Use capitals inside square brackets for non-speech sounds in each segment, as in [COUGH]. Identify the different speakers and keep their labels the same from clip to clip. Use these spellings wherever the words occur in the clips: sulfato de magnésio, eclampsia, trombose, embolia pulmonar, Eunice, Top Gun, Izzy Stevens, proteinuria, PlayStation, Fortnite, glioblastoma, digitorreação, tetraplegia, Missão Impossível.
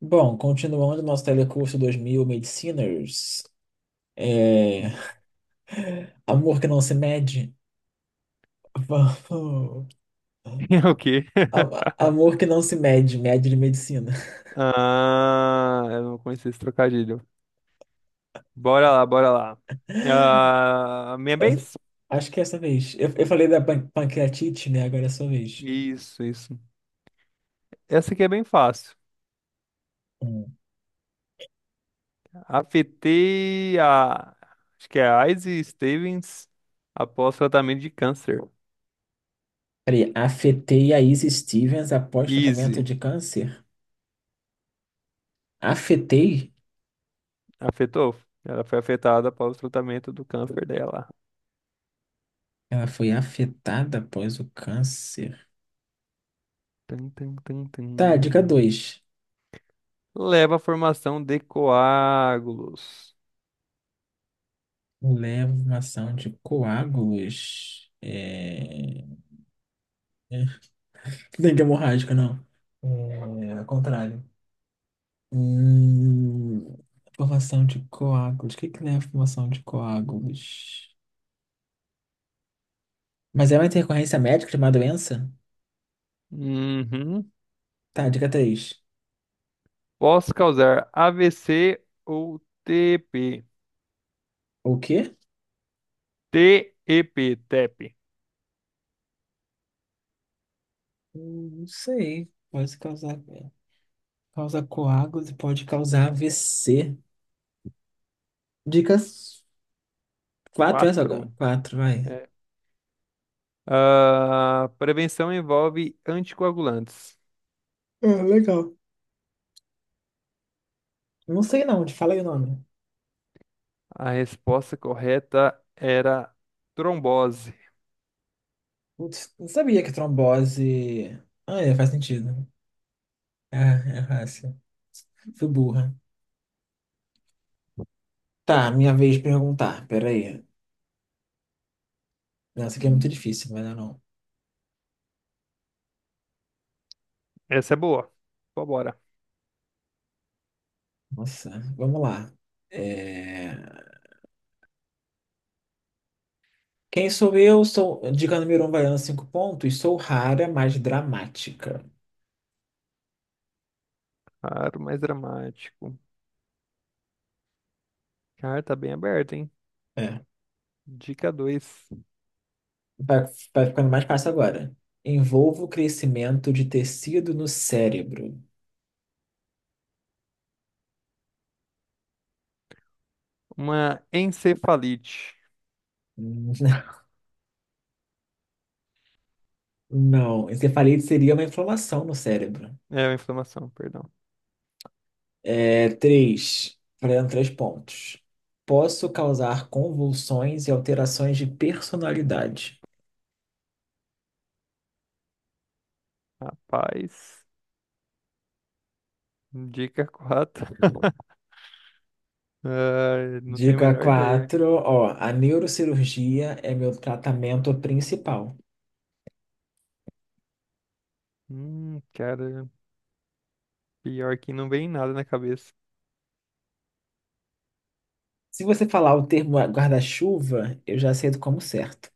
Speaker 1: Bom, continuando nosso telecurso 2000 Mediciners, é,
Speaker 2: [LAUGHS]
Speaker 1: amor que não se mede, [LAUGHS] vamos-
Speaker 2: É o quê? [LAUGHS]
Speaker 1: amor que não se mede, mede de medicina.
Speaker 2: Ah, eu não conheci esse trocadilho. Bora lá, bora lá.
Speaker 1: [LAUGHS]
Speaker 2: Ah, minha vez?
Speaker 1: Acho que é essa vez. Eu falei da pancreatite, né? Agora é a sua vez.
Speaker 2: Isso, isso. Essa aqui é bem fácil.
Speaker 1: Hum.
Speaker 2: Afetei a. Acho que é a Izzy Stevens após tratamento de câncer.
Speaker 1: Peraí, afetei a Izzy Stevens após tratamento
Speaker 2: Easy.
Speaker 1: de câncer? Afetei?
Speaker 2: Afetou? Ela foi afetada após o tratamento do câncer dela.
Speaker 1: Ela foi afetada após o câncer.
Speaker 2: Tum, tum, tum, tum.
Speaker 1: Tá, dica dois.
Speaker 2: Leva à formação de coágulos.
Speaker 1: Leva uma ação de coágulos. É, Dente hemorrágica, não. É, ao contrário. Hum, formação de coágulos. O que que leva à formação de coágulos? Mas é uma intercorrência médica de uma doença?
Speaker 2: Uhum.
Speaker 1: Tá, dica 3.
Speaker 2: Posso causar AVC ou TP.
Speaker 1: O quê?
Speaker 2: TEP, TEP.
Speaker 1: Não sei. Pode causar. Causa coágulos e pode causar AVC. Dicas 4, essa agora?
Speaker 2: Quatro.
Speaker 1: Quatro, vai.
Speaker 2: É. Ah, prevenção envolve anticoagulantes.
Speaker 1: É, legal. Não sei não, te fala aí o nome.
Speaker 2: A resposta correta era trombose.
Speaker 1: Putz, não sabia que trombose. Ah, é, faz sentido. É, é fácil. Fui burra. Tá, minha vez de perguntar. Peraí. Nossa, aqui é muito difícil, mas não. É não.
Speaker 2: Essa é boa. Vambora.
Speaker 1: Nossa, vamos lá. É, Quem sou eu? Sou diga número um, valendo cinco pontos. Sou rara, mas dramática.
Speaker 2: Claro, mais dramático. Cara, tá bem aberto, hein?
Speaker 1: É.
Speaker 2: Dica dois.
Speaker 1: Vai, vai ficando mais fácil agora. Envolvo crescimento de tecido no cérebro.
Speaker 2: Uma encefalite.
Speaker 1: Hum. [LAUGHS] Não, encefalite seria uma inflamação no cérebro.
Speaker 2: É uma inflamação, perdão.
Speaker 1: É, três, valendo três pontos. Posso causar convulsões e alterações de personalidade.
Speaker 2: Rapaz, dica 4. [LAUGHS] Ah, não tenho a
Speaker 1: Dica
Speaker 2: menor ideia.
Speaker 1: 4, ó, a neurocirurgia é meu tratamento principal.
Speaker 2: Cara, pior que não vem nada na cabeça.
Speaker 1: Se você falar o termo guarda-chuva, eu já aceito como certo.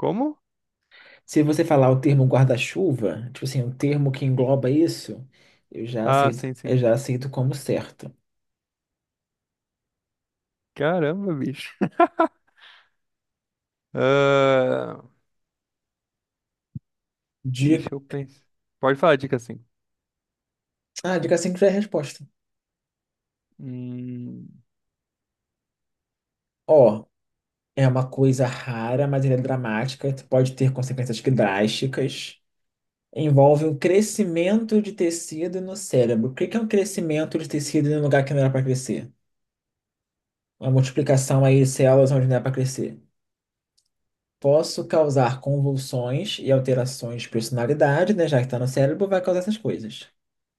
Speaker 2: Como?
Speaker 1: Se você falar o termo guarda-chuva, tipo assim, um termo que engloba isso, eu já
Speaker 2: Ah,
Speaker 1: aceito,
Speaker 2: sim,
Speaker 1: eu
Speaker 2: sim.
Speaker 1: já aceito como certo.
Speaker 2: Caramba, bicho. [LAUGHS] Ah,
Speaker 1: Dica,
Speaker 2: deixa eu penso. Pode falar, a dica 5.
Speaker 1: dica 5 já é a resposta.
Speaker 2: Hum,
Speaker 1: Ó, é uma coisa rara, mas ela é dramática, pode ter consequências que drásticas. Envolve um crescimento de tecido no cérebro. O que que é um crescimento de tecido em um lugar que não era para crescer? Uma multiplicação aí de células onde não é para crescer. Posso causar convulsões e alterações de personalidade, né? Já que está no cérebro, vai causar essas coisas.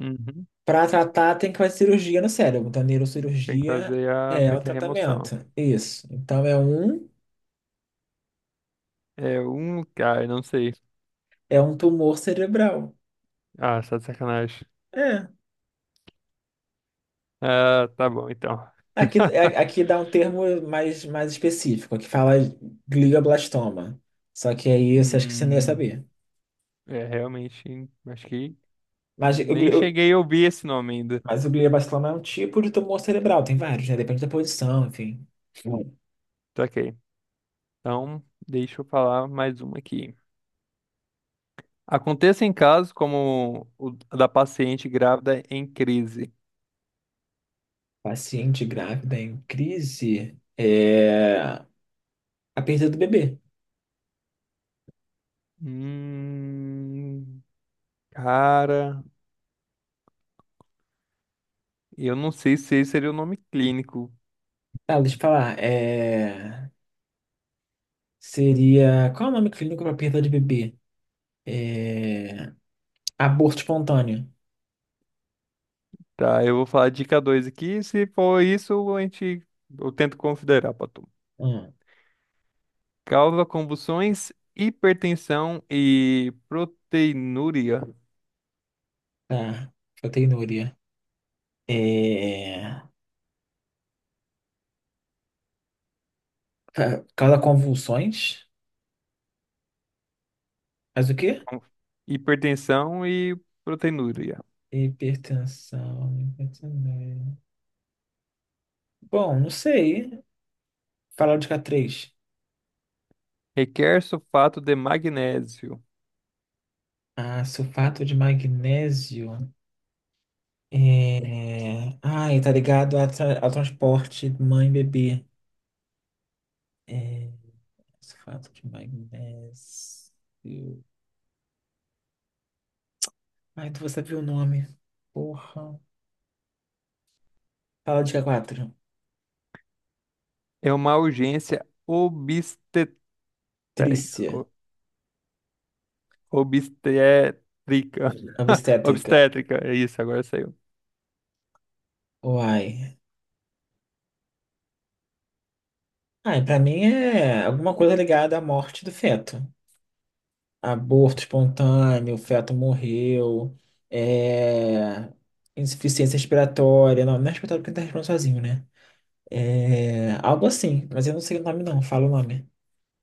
Speaker 2: uhum.
Speaker 1: Para tratar, tem que fazer cirurgia no cérebro. Então,
Speaker 2: Tem que
Speaker 1: neurocirurgia
Speaker 2: fazer a,
Speaker 1: é
Speaker 2: meio
Speaker 1: o
Speaker 2: que a remoção.
Speaker 1: tratamento. Isso.
Speaker 2: É um, cara, não sei.
Speaker 1: É um tumor cerebral.
Speaker 2: Ah, só de sacanagem.
Speaker 1: É.
Speaker 2: Ah, tá bom, então.
Speaker 1: Aqui,
Speaker 2: [LAUGHS]
Speaker 1: aqui dá um termo mais específico, que fala glioblastoma. Só que aí você acha que você não ia
Speaker 2: Hum,
Speaker 1: saber.
Speaker 2: é, realmente, acho que
Speaker 1: Mas o,
Speaker 2: nem
Speaker 1: gli-
Speaker 2: cheguei a ouvir esse nome ainda.
Speaker 1: Mas o glioblastoma é um tipo de tumor cerebral, tem vários, né? Depende da posição, enfim. Hum.
Speaker 2: Tá ok. Então, deixa eu falar mais uma aqui. Aconteça em casos como o da paciente grávida em crise.
Speaker 1: Paciente grávida em crise é a perda do bebê.
Speaker 2: Hum, cara, eu não sei se esse seria o nome clínico.
Speaker 1: Ah, deixa eu falar. Seria. Qual é o nome clínico para perda de bebê? É, Aborto espontâneo.
Speaker 2: Tá, eu vou falar dica 2 aqui. Se for isso, a gente, eu tento considerar pra tu.
Speaker 1: Hum,
Speaker 2: Causa convulsões, hipertensão e proteinúria.
Speaker 1: tá. Proteinúria. É... Causa convulsões? Faz o quê?
Speaker 2: Com hipertensão e proteinúria.
Speaker 1: Hipertensão. Bom, não sei. Falar de K3.
Speaker 2: Requer sulfato de magnésio.
Speaker 1: Ah, sulfato de magnésio. É... Ai, tá ligado a ao transporte mãe e bebê. Sulfato de magnésio. Ai, tu vai saber o nome. Porra. Fala dica quatro.
Speaker 2: É uma urgência obstet... Peraí.
Speaker 1: Trícia.
Speaker 2: Obstétrica. [LAUGHS]
Speaker 1: Obstétrica.
Speaker 2: Obstétrica, é isso, agora saiu.
Speaker 1: Uai. Ai, pra mim é alguma coisa ligada à morte do feto. Aborto espontâneo, o feto morreu. É... Insuficiência respiratória. Não, não é respiratória porque ele tá respirando sozinho, né? É, algo assim, mas eu não sei o nome não, fala o nome.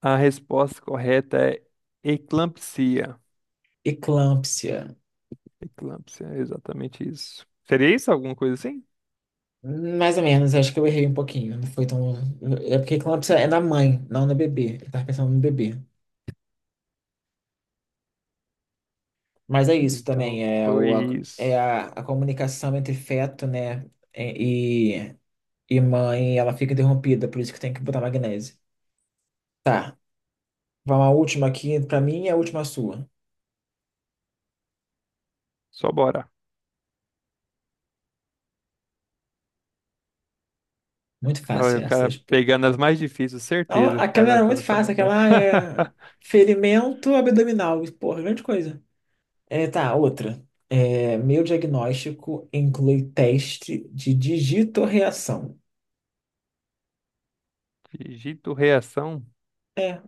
Speaker 2: A resposta correta é eclampsia.
Speaker 1: Eclâmpsia.
Speaker 2: Eclampsia, é exatamente isso. Seria isso? Alguma coisa assim?
Speaker 1: Mais ou menos, acho que eu errei um pouquinho. Não foi tão. É porque eclâmpsia é na mãe, não no bebê. Eu tava pensando no bebê. Mas é isso
Speaker 2: Então,
Speaker 1: também, é,
Speaker 2: foi
Speaker 1: o, a, é
Speaker 2: isso.
Speaker 1: a comunicação entre feto, né? E, e mãe, ela fica interrompida, por isso que tem que botar magnésio. Tá, vamos à última aqui, pra mim é a última sua.
Speaker 2: Só bora.
Speaker 1: Muito
Speaker 2: Olha,
Speaker 1: fácil
Speaker 2: o
Speaker 1: essa.
Speaker 2: cara
Speaker 1: Tipo.
Speaker 2: pegando as mais difíceis,
Speaker 1: Não,
Speaker 2: certeza. O
Speaker 1: aquela
Speaker 2: cara
Speaker 1: era
Speaker 2: tá
Speaker 1: muito
Speaker 2: nessa
Speaker 1: fácil,
Speaker 2: moda.
Speaker 1: aquela é
Speaker 2: [LAUGHS]
Speaker 1: ferimento abdominal, porra, grande coisa. É, tá, outra. É, meu diagnóstico inclui teste de digitorreação.
Speaker 2: Digito reação.
Speaker 1: É,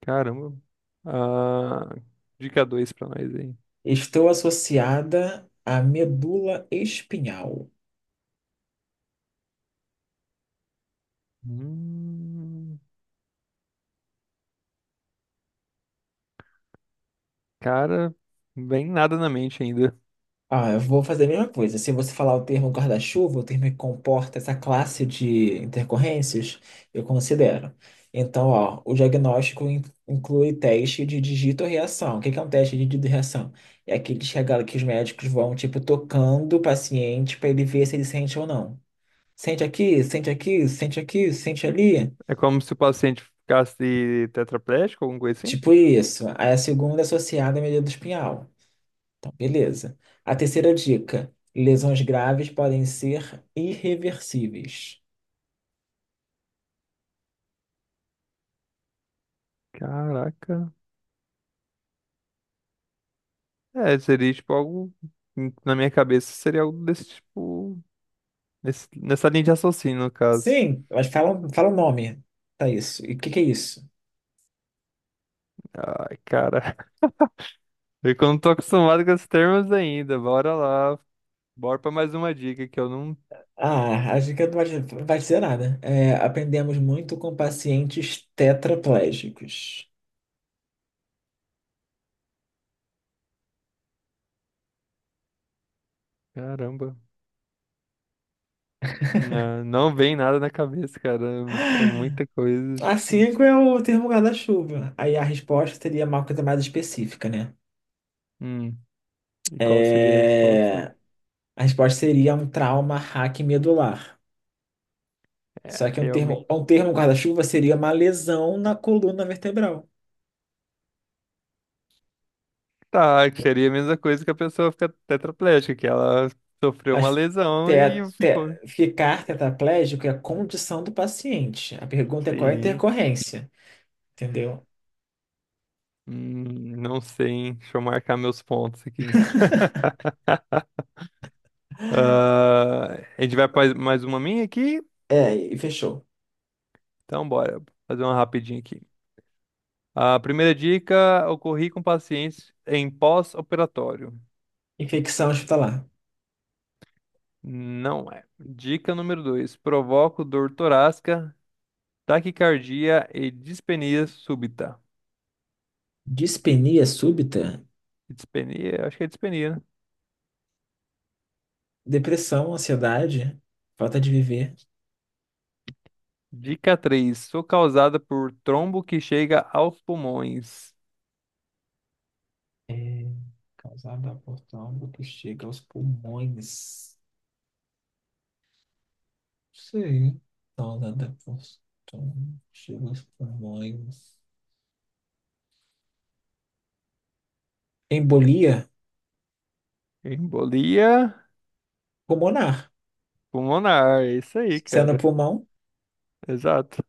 Speaker 2: Caramba. Ah, dica 2 pra nós aí.
Speaker 1: estou associada à medula espinhal.
Speaker 2: Hum, cara, bem nada na mente ainda.
Speaker 1: Ah, eu vou fazer a mesma coisa. Se você falar o termo guarda-chuva, o termo que comporta essa classe de intercorrências, eu considero. Então, ó, o diagnóstico inclui teste de digitorreação. O que que é um teste de digitorreação? É aquele que, que os médicos vão, tipo, tocando o paciente para ele ver se ele sente ou não. Sente aqui, sente aqui, sente aqui, sente ali.
Speaker 2: É como se o paciente ficasse tetraplégico, alguma coisa assim?
Speaker 1: Tipo isso. Aí a segunda é associada à medida espinhal. Então, beleza. A terceira dica: lesões graves podem ser irreversíveis.
Speaker 2: Caraca. É, seria tipo algo. Na minha cabeça seria algo desse tipo, nessa linha de raciocínio, no caso.
Speaker 1: Sim, mas fala o nome para isso. E o que que é isso?
Speaker 2: Ai, cara. [LAUGHS] Eu que não tô acostumado com esses termos ainda. Bora lá. Bora pra mais uma dica que eu não.
Speaker 1: Ah, a dica não vai dizer nada. É, aprendemos muito com pacientes tetraplégicos.
Speaker 2: Caramba. Não, não vem nada na cabeça, cara. É muita coisa,
Speaker 1: A
Speaker 2: tipo.
Speaker 1: cinco é o termo guarda-chuva. Aí a resposta seria uma coisa mais específica, né?
Speaker 2: Hum, e qual seria a resposta?
Speaker 1: É. A resposta seria um trauma hack medular.
Speaker 2: É,
Speaker 1: Só que um
Speaker 2: realmente.
Speaker 1: termo guarda-chuva seria uma lesão na coluna vertebral.
Speaker 2: Tá, que seria a mesma coisa que a pessoa fica tetraplégica, que ela sofreu uma
Speaker 1: Mas
Speaker 2: lesão e ficou.
Speaker 1: ficar tetraplégico é a condição do paciente. A pergunta é qual é a
Speaker 2: Sim.
Speaker 1: intercorrência, entendeu?
Speaker 2: Não sei, hein? Deixa eu marcar meus pontos aqui. Ah, a gente vai fazer mais uma minha aqui?
Speaker 1: É, e fechou.
Speaker 2: Então, bora. Fazer uma rapidinha aqui. A primeira dica: ocorri com pacientes em pós-operatório.
Speaker 1: Infecção hospitalar.
Speaker 2: Não é. Dica número 2: provoca dor torácica, taquicardia e dispenia súbita. Dis-
Speaker 1: Dispenia súbita,
Speaker 2: Dispenia, acho que é dispenia, né?
Speaker 1: depressão, ansiedade, falta de viver.
Speaker 2: Dica três: sou causada por trombo que chega aos pulmões.
Speaker 1: É causada por trombo que chega aos pulmões. Sí, todas depois. Então, chega aos pulmões. Embolia
Speaker 2: Embolia
Speaker 1: pulmonar,
Speaker 2: pulmonar. É isso aí,
Speaker 1: sendo
Speaker 2: cara.
Speaker 1: pulmão,
Speaker 2: Exato.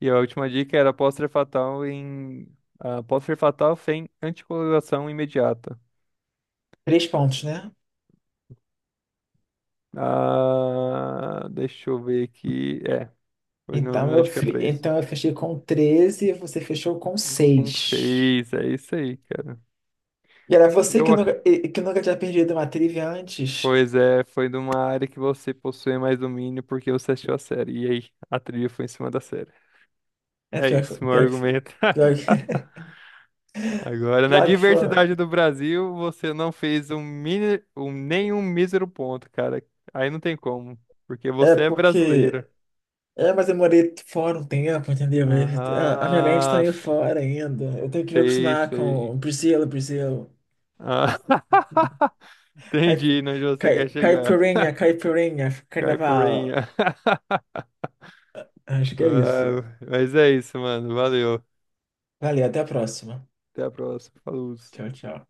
Speaker 2: E a última dica era pode ser fatal em ah, pode ser fatal sem anticoagulação imediata.
Speaker 1: três pontos, né?
Speaker 2: Ah, deixa eu ver aqui. É, foi no, na dica 3.
Speaker 1: Então eu fechei com 13 e você fechou com
Speaker 2: Com
Speaker 1: 6.
Speaker 2: fez, é isso aí, cara.
Speaker 1: E era você que
Speaker 2: Eu, ac-
Speaker 1: nunca, e- que nunca tinha perdido uma trivia antes.
Speaker 2: Pois é, foi de uma área que você possui mais domínio porque você assistiu a série. E aí, a trilha foi em cima da série.
Speaker 1: É
Speaker 2: É
Speaker 1: pior que foi.
Speaker 2: isso, meu
Speaker 1: Pior que foi.
Speaker 2: argumento.
Speaker 1: Pior
Speaker 2: [LAUGHS]
Speaker 1: que, [LAUGHS]
Speaker 2: Agora, na
Speaker 1: pior que foi.
Speaker 2: diversidade do Brasil, você não fez um mini, um, nenhum mísero ponto, cara. Aí não tem como, porque
Speaker 1: É
Speaker 2: você é brasileiro.
Speaker 1: porque. É, mas eu morei fora um tempo, entendeu? Mas a minha mente tá
Speaker 2: Ah,
Speaker 1: meio fora ainda. Eu tenho que me
Speaker 2: sei,
Speaker 1: acostumar com
Speaker 2: sei.
Speaker 1: o Brasil, Brasil.
Speaker 2: Ah, [LAUGHS]
Speaker 1: Caip-
Speaker 2: entendi, né, onde você quer chegar,
Speaker 1: Caipirinha, caipirinha, carnaval.
Speaker 2: caipirinha. [LAUGHS]
Speaker 1: Acho que é isso.
Speaker 2: Ah, mas é isso, mano. Valeu.
Speaker 1: Valeu, até a próxima.
Speaker 2: Até a próxima. Falou.
Speaker 1: Tchau, tchau.